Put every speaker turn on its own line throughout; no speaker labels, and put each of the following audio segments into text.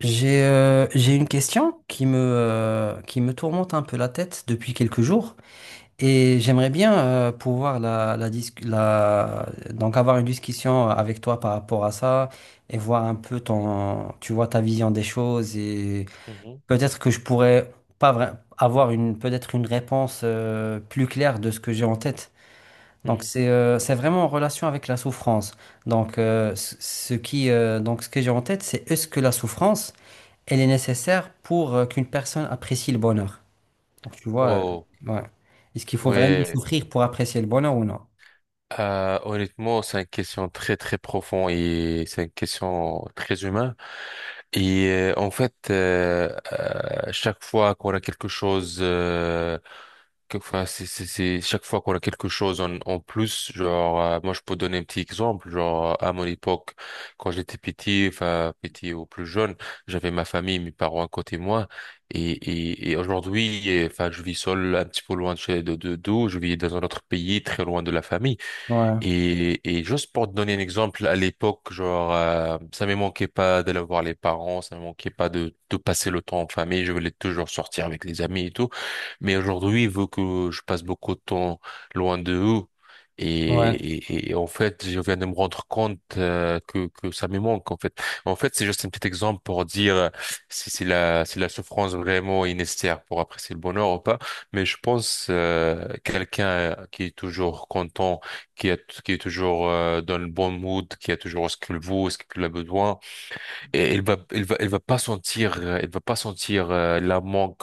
J'ai une question qui qui me tourmente un peu la tête depuis quelques jours et j'aimerais bien pouvoir donc avoir une discussion avec toi par rapport à ça et voir un peu ta vision des choses et
Mhm,
peut-être que je pourrais pas vra- avoir peut-être une réponse plus claire de ce que j'ai en tête. Donc
mhm.
c'est vraiment en relation avec la souffrance. Donc ce que j'ai en tête c'est est-ce que la souffrance elle est nécessaire pour qu'une personne apprécie le bonheur. Donc,
Oh,
ouais. Est-ce qu'il faut vraiment
ouais.
souffrir pour apprécier le bonheur ou non?
Honnêtement, c'est une question très, très profonde et c'est une question très humaine. Et en fait, chaque fois qu'on a quelque chose, enfin, chaque fois qu'on a quelque chose en plus, genre, moi je peux donner un petit exemple, genre à mon époque, quand j'étais petit, enfin petit ou plus jeune, j'avais ma famille, mes parents à côté de moi, et aujourd'hui, et, enfin, je vis seul, un petit peu loin de d'où, je vis dans un autre pays, très loin de la famille.
Ouais,
Et juste pour te donner un exemple, à l'époque, genre, ça me manquait pas d'aller voir les parents, ça me manquait pas de passer le temps en famille, je voulais toujours sortir avec les amis et tout. Mais aujourd'hui, vu que je passe beaucoup de temps loin de eux,
ouais,
et en fait, je viens de me rendre compte que ça me manque, en fait. En fait, c'est juste un petit exemple pour dire si, si la, si la souffrance vraiment est nécessaire pour apprécier le bonheur ou pas. Mais je pense quelqu'un qui est toujours content qui est toujours dans le bon mood, qui a toujours ce qu'il veut, ce qu'il a besoin. Et elle va pas sentir, elle va pas sentir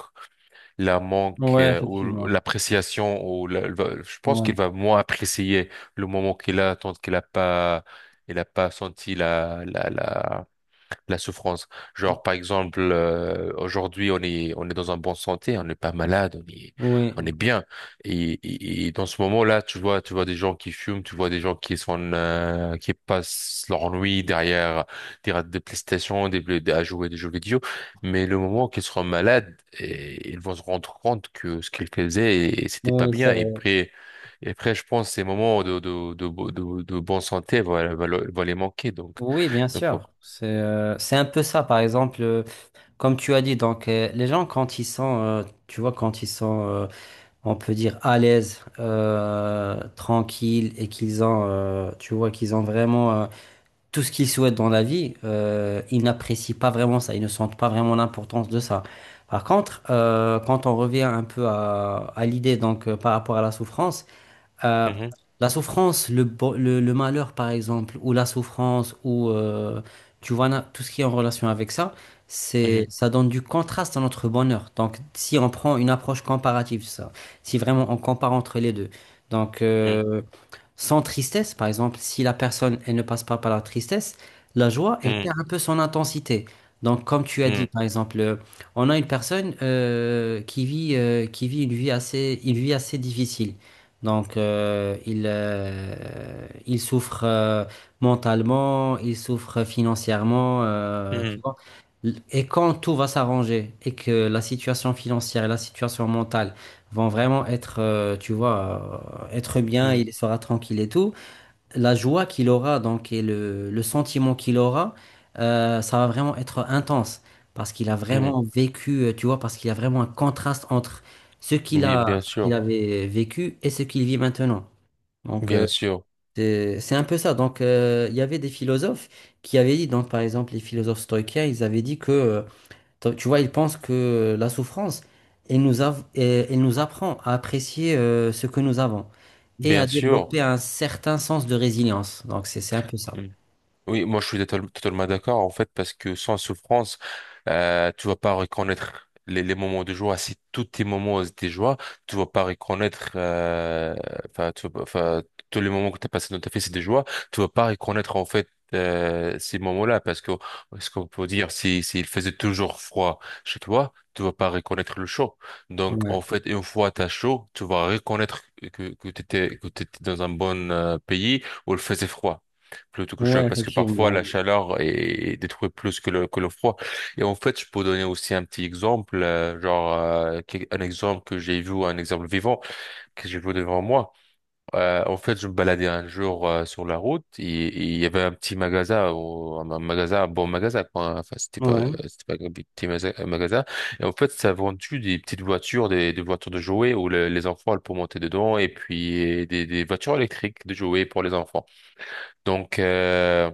la manque
ouais,
ou
effectivement.
l'appréciation. Ou la- elle va- Je pense qu'elle
Ouais.
va moins apprécier le moment qu'il a, tant qu'elle a pas, elle a pas senti la souffrance. Genre, par exemple, aujourd'hui, on est dans un bon santé, on n'est pas malade,
Oui,
on est bien. Et dans ce moment-là, tu vois des gens qui fument, tu vois des gens qui sont, qui passent leur nuit derrière des PlayStation, à jouer des jeux vidéo. Mais le moment qu'ils seront malades, et, ils vont se rendre compte que ce qu'ils faisaient, c'était pas
oui, c'est
bien.
vrai.
Et après, je pense que ces moments de bonne santé vont les manquer.
Oui, bien
Donc, oh.
sûr. C'est un peu ça, par exemple, comme tu as dit, les gens quand ils sont, tu vois, quand on peut dire, à l'aise, tranquilles et qu'ils ont vraiment tout ce qu'ils souhaitent dans la vie, ils n'apprécient pas vraiment ça, ils ne sentent pas vraiment l'importance de ça. Par contre, quand on revient un peu à l'idée, par rapport à euh,
Mhm.
la souffrance, le malheur par exemple, ou la souffrance, ou tout ce qui est en relation avec ça, c'est
Mhm,
ça donne du contraste à notre bonheur. Donc si on prend une approche comparative, ça, si vraiment on compare entre les deux, donc
mhm,
euh, sans tristesse, par exemple, si la personne, elle ne passe pas par la tristesse, la joie, elle
mhm,
perd un peu son intensité. Donc, comme tu as dit,
mhm,
par exemple, on a une personne qui vit, qui vit une vie une vie assez difficile. Donc, il souffre mentalement, il souffre financièrement, tu
mhm,
vois. Et quand tout va s'arranger et que la situation financière et la situation mentale vont vraiment être bien,
mhm,
il sera tranquille et tout. La joie qu'il aura, donc, et le sentiment qu'il aura, ça va vraiment être intense. Parce qu'il a
mhm.
vraiment vécu, tu vois, parce qu'il y a vraiment un contraste entre ce qu'il
Oui,
a,
bien
ce qu'il
sûr,
avait vécu et ce qu'il vit maintenant. Donc,
bien sûr,
c'est un peu ça. Donc, il y avait des philosophes qui avaient dit, donc, par exemple, les philosophes stoïciens, ils avaient dit que donc, tu vois, il pense que la souffrance, elle nous apprend à apprécier ce que nous avons et à
bien sûr.
développer un certain sens de résilience. Donc, c'est un peu ça.
Mhm. Oui, moi je suis totalement d'accord en fait parce que sans souffrance, tu vas pas reconnaître les moments de joie. Si tous tes moments étaient joie, tu vas pas reconnaître, enfin, tu vas pas- enfin, tous les moments que tu as passé dans ta vie c'est des joies, tu vas pas reconnaître en fait ces moments-là parce que ce qu'on peut dire, si s'il faisait toujours froid chez toi, tu vas pas reconnaître le chaud. Donc
Ouais,
en fait, une fois t'as chaud, tu vas reconnaître que t'étais dans un bon pays où il faisait froid plutôt que chaud
ouais,
parce que parfois
effectivement.
la chaleur est détruit plus que le froid. Et en fait, je peux donner aussi un petit exemple, genre un exemple que j'ai vu, un exemple vivant que j'ai vu devant moi. En fait, je me baladais un jour sur la route et il y avait un petit magasin, un magasin, un bon magasin, quoi. Hein. Enfin,
Ouais,
c'était pas un magasin. Et en fait, ça vendait des petites voitures, des voitures de jouets où les enfants elles, peuvent monter dedans et puis des voitures électriques de jouets pour les enfants. Donc, euh,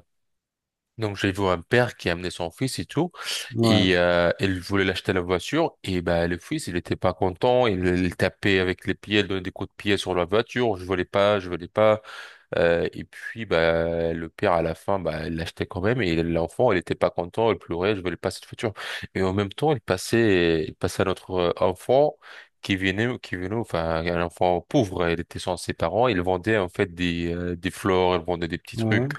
donc j'ai vu un père qui a amené son fils et tout,
ouais,
et il voulait l'acheter la voiture, et ben le fils il était pas content, il tapait avec les pieds, il donnait des coups de pied sur la voiture, je voulais pas, je voulais pas. Et puis, bah, le père, à la fin, bah, il l'achetait quand même. Et l'enfant, il était pas content, il pleurait, je veux pas cette voiture. Et en même temps, il passait à notre enfant qui venait, enfin, un enfant pauvre. Il était sans ses parents. Il vendait, en fait, des fleurs, il vendait des petits trucs,
ouais,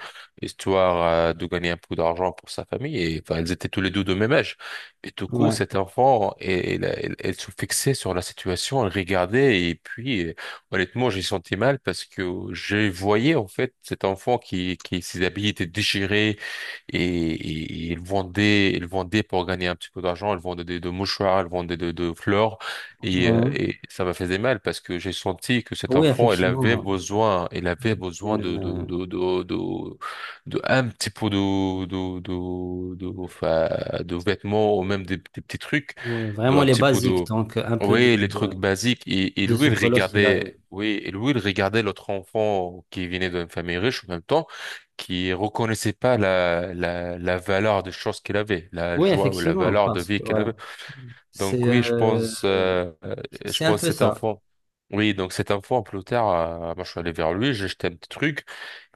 histoire, de gagner un peu d'argent pour sa famille. Et, enfin, ils étaient tous les deux de même âge. Et tout court,
ouais,
cet enfant, elle se fixait sur la situation, elle regardait, et puis, honnêtement, j'ai senti mal parce que je voyais en fait cet enfant qui ses habits étaient déchirés et, et il vendait pour gagner un petit peu d'argent, il vendait de mouchoirs, il vendait de fleurs
ouais.
et ça me faisait mal parce que j'ai senti que cet
Oui,
enfant,
effectivement.
il avait besoin
Une, euh,
de un petit peu de, enfin, de vêtements ou même des petits trucs,
ouais,
de
vraiment
un
les
petit peu
basiques,
de
donc un peu
oui,
de,
les
ouais,
trucs basiques. Et
de
lui,
ce
il
colosse qu'il a.
regardait, oui, et lui, il regardait l'autre enfant qui venait d'une famille riche en même temps, qui reconnaissait pas la valeur des choses qu'il avait, la
Oui,
joie ou la
effectivement,
valeur de
parce que
vie qu'il
ouais,
avait.
c'est
Donc oui,
euh,
je
c'est un
pense
peu
cet
ça.
enfant. Oui, donc cet enfant, plus tard, moi je suis allé vers lui, j'ai jeté un petit truc,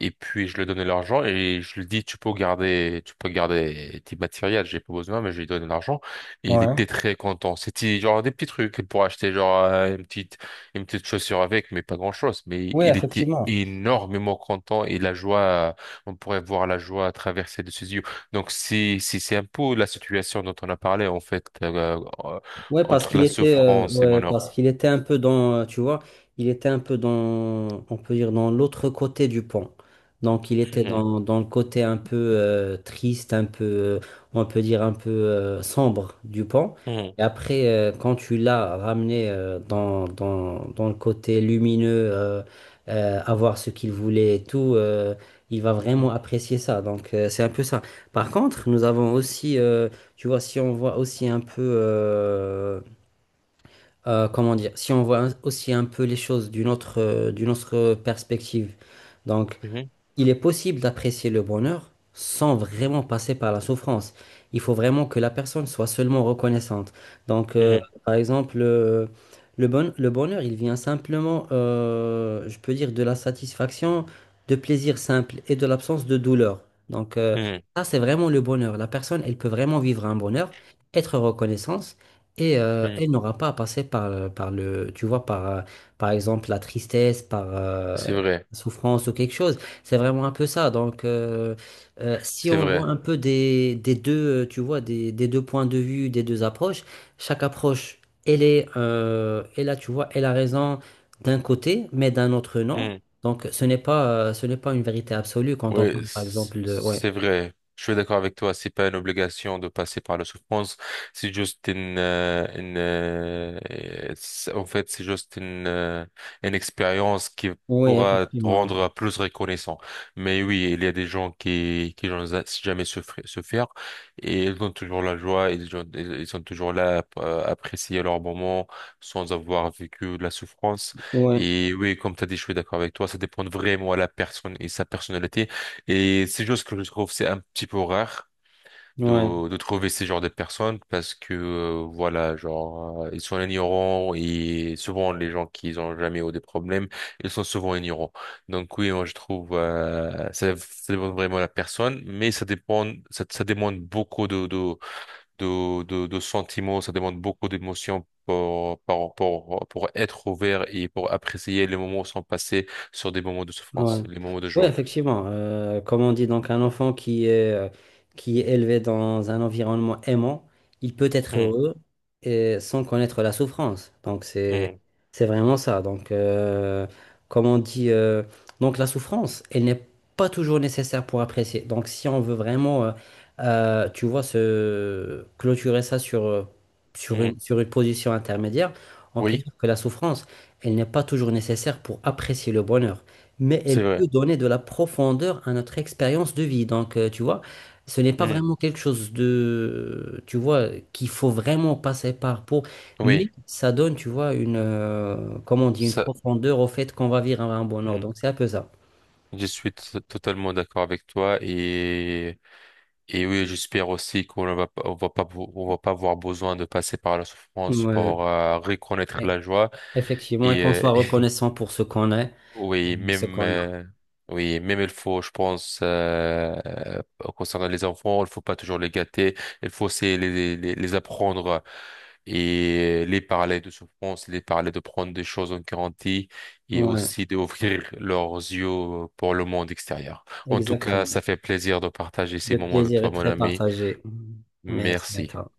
et puis je lui ai donné l'argent, et je lui ai dit, tu peux garder tes matériels, j'ai pas besoin, mais je lui ai donné l'argent, et il
Ouais.
était très content. C'était genre des petits trucs, pour acheter genre une petite chaussure avec, mais pas grand-chose, mais
Oui,
il était
effectivement.
énormément content, et la joie, on pourrait voir la joie traverser de ses yeux. Donc si si c'est un peu la situation dont on a parlé en fait euh,
Ouais, parce
entre la souffrance et
ouais,
mon or.
parce qu'il était un peu dans, il était un peu dans, on peut dire, dans l'autre côté du pont. Donc, il était
Mhm,
dans le côté un peu triste, un peu, on peut dire, un peu sombre du pont. Et après, quand tu l'as ramené dans le côté lumineux, avoir ce qu'il voulait et tout, il va vraiment
mhm,
apprécier ça. Donc, c'est un peu ça. Par contre, nous avons aussi. Si on voit aussi un peu, comment dire, si on voit aussi un peu les choses d'une d'une autre perspective. Donc,
mhm,
il est possible d'apprécier le bonheur sans vraiment passer par la souffrance. Il faut vraiment que la personne soit seulement reconnaissante. Donc,
mhm,
par exemple, le bonheur, il vient simplement, je peux dire, de la satisfaction, de plaisir simple et de l'absence de douleur. Donc,
mhm,
ça, c'est vraiment le bonheur. La personne, elle peut vraiment vivre un bonheur, être reconnaissante. Et
mhm. Mhm.
elle n'aura pas à passer par par exemple, la tristesse, par
C'est
la
vrai,
souffrance ou quelque chose. C'est vraiment un peu ça. Donc, si
c'est
on voit
vrai.
un peu des deux, des deux points de vue, des deux approches, chaque approche, elle est, elle là tu vois, elle a raison d'un côté, mais d'un autre non. Donc, ce n'est pas une vérité absolue quand on
Oui,
parle, par exemple, de... Ouais.
c'est vrai. Je suis d'accord avec toi. C'est pas une obligation de passer par la souffrance. C'est juste en fait, c'est juste une expérience qui
Oui,
pourra te
effectivement.
rendre plus reconnaissant. Mais oui, il y a des gens qui n'ont jamais souffert et ils ont toujours la joie. Ils ont, ils sont toujours là à apprécier leur moment sans avoir vécu de la souffrance.
Ouais,
Et oui, comme tu as dit, je suis d'accord avec toi. Ça dépend vraiment à la personne et sa personnalité. Et c'est juste que je trouve c'est un petit peu rare
ouais.
de trouver ces genres de personnes parce que voilà genre ils sont ignorants et souvent les gens qui n'ont jamais eu des problèmes ils sont souvent ignorants. Donc oui moi je trouve ça, ça dépend vraiment de la personne mais ça dépend ça, ça demande beaucoup de sentiments ça demande beaucoup d'émotions. Pour être ouvert et pour apprécier les moments sans passer sur des moments de souffrance,
Ouais.
les moments de
Ouais,
joie.
effectivement. Euh, comme on dit, donc un enfant qui qui est élevé dans un environnement aimant, il peut être
Hmm,
heureux et sans connaître la souffrance. Donc c'est
hmm,
c'est vraiment ça. Donc comme on dit, donc la souffrance, elle n'est pas toujours nécessaire pour apprécier. Donc si on veut vraiment, se clôturer ça sur
hmm.
sur une position intermédiaire, on peut
Oui,
dire que la souffrance, elle n'est pas toujours nécessaire pour apprécier le bonheur mais
c'est
elle
vrai.
peut donner de la profondeur à notre expérience de vie. Donc, tu vois, ce n'est pas
Hmm.
vraiment quelque chose de, tu vois, qu'il faut vraiment passer par pour,
Oui,
mais ça donne, tu vois, comment on dit, une
ça,
profondeur au fait qu'on va vivre un bonheur.
hmm,
Donc, c'est un peu ça.
je suis totalement d'accord avec toi et oui, j'espère aussi qu'on ne va pas, on va pas, on va pas avoir besoin de passer par la souffrance
Ouais,
pour reconnaître
e-
la joie
effectivement, et
et
qu'on soit reconnaissant pour ce qu'on est et
Oui,
ce
même,
qu'on a.
euh, oui, même il faut, je pense, concernant les enfants, il faut pas toujours les gâter. Il faut c'est les apprendre et les parler de souffrance, les parler de prendre des choses en garantie et
Ouais,
aussi d'ouvrir leurs yeux pour le monde extérieur. En tout cas,
exactement.
ça fait plaisir de partager ces
Le
moments avec
plaisir est
toi, mon
très
ami.
partagé. Merci à
Merci.
toi.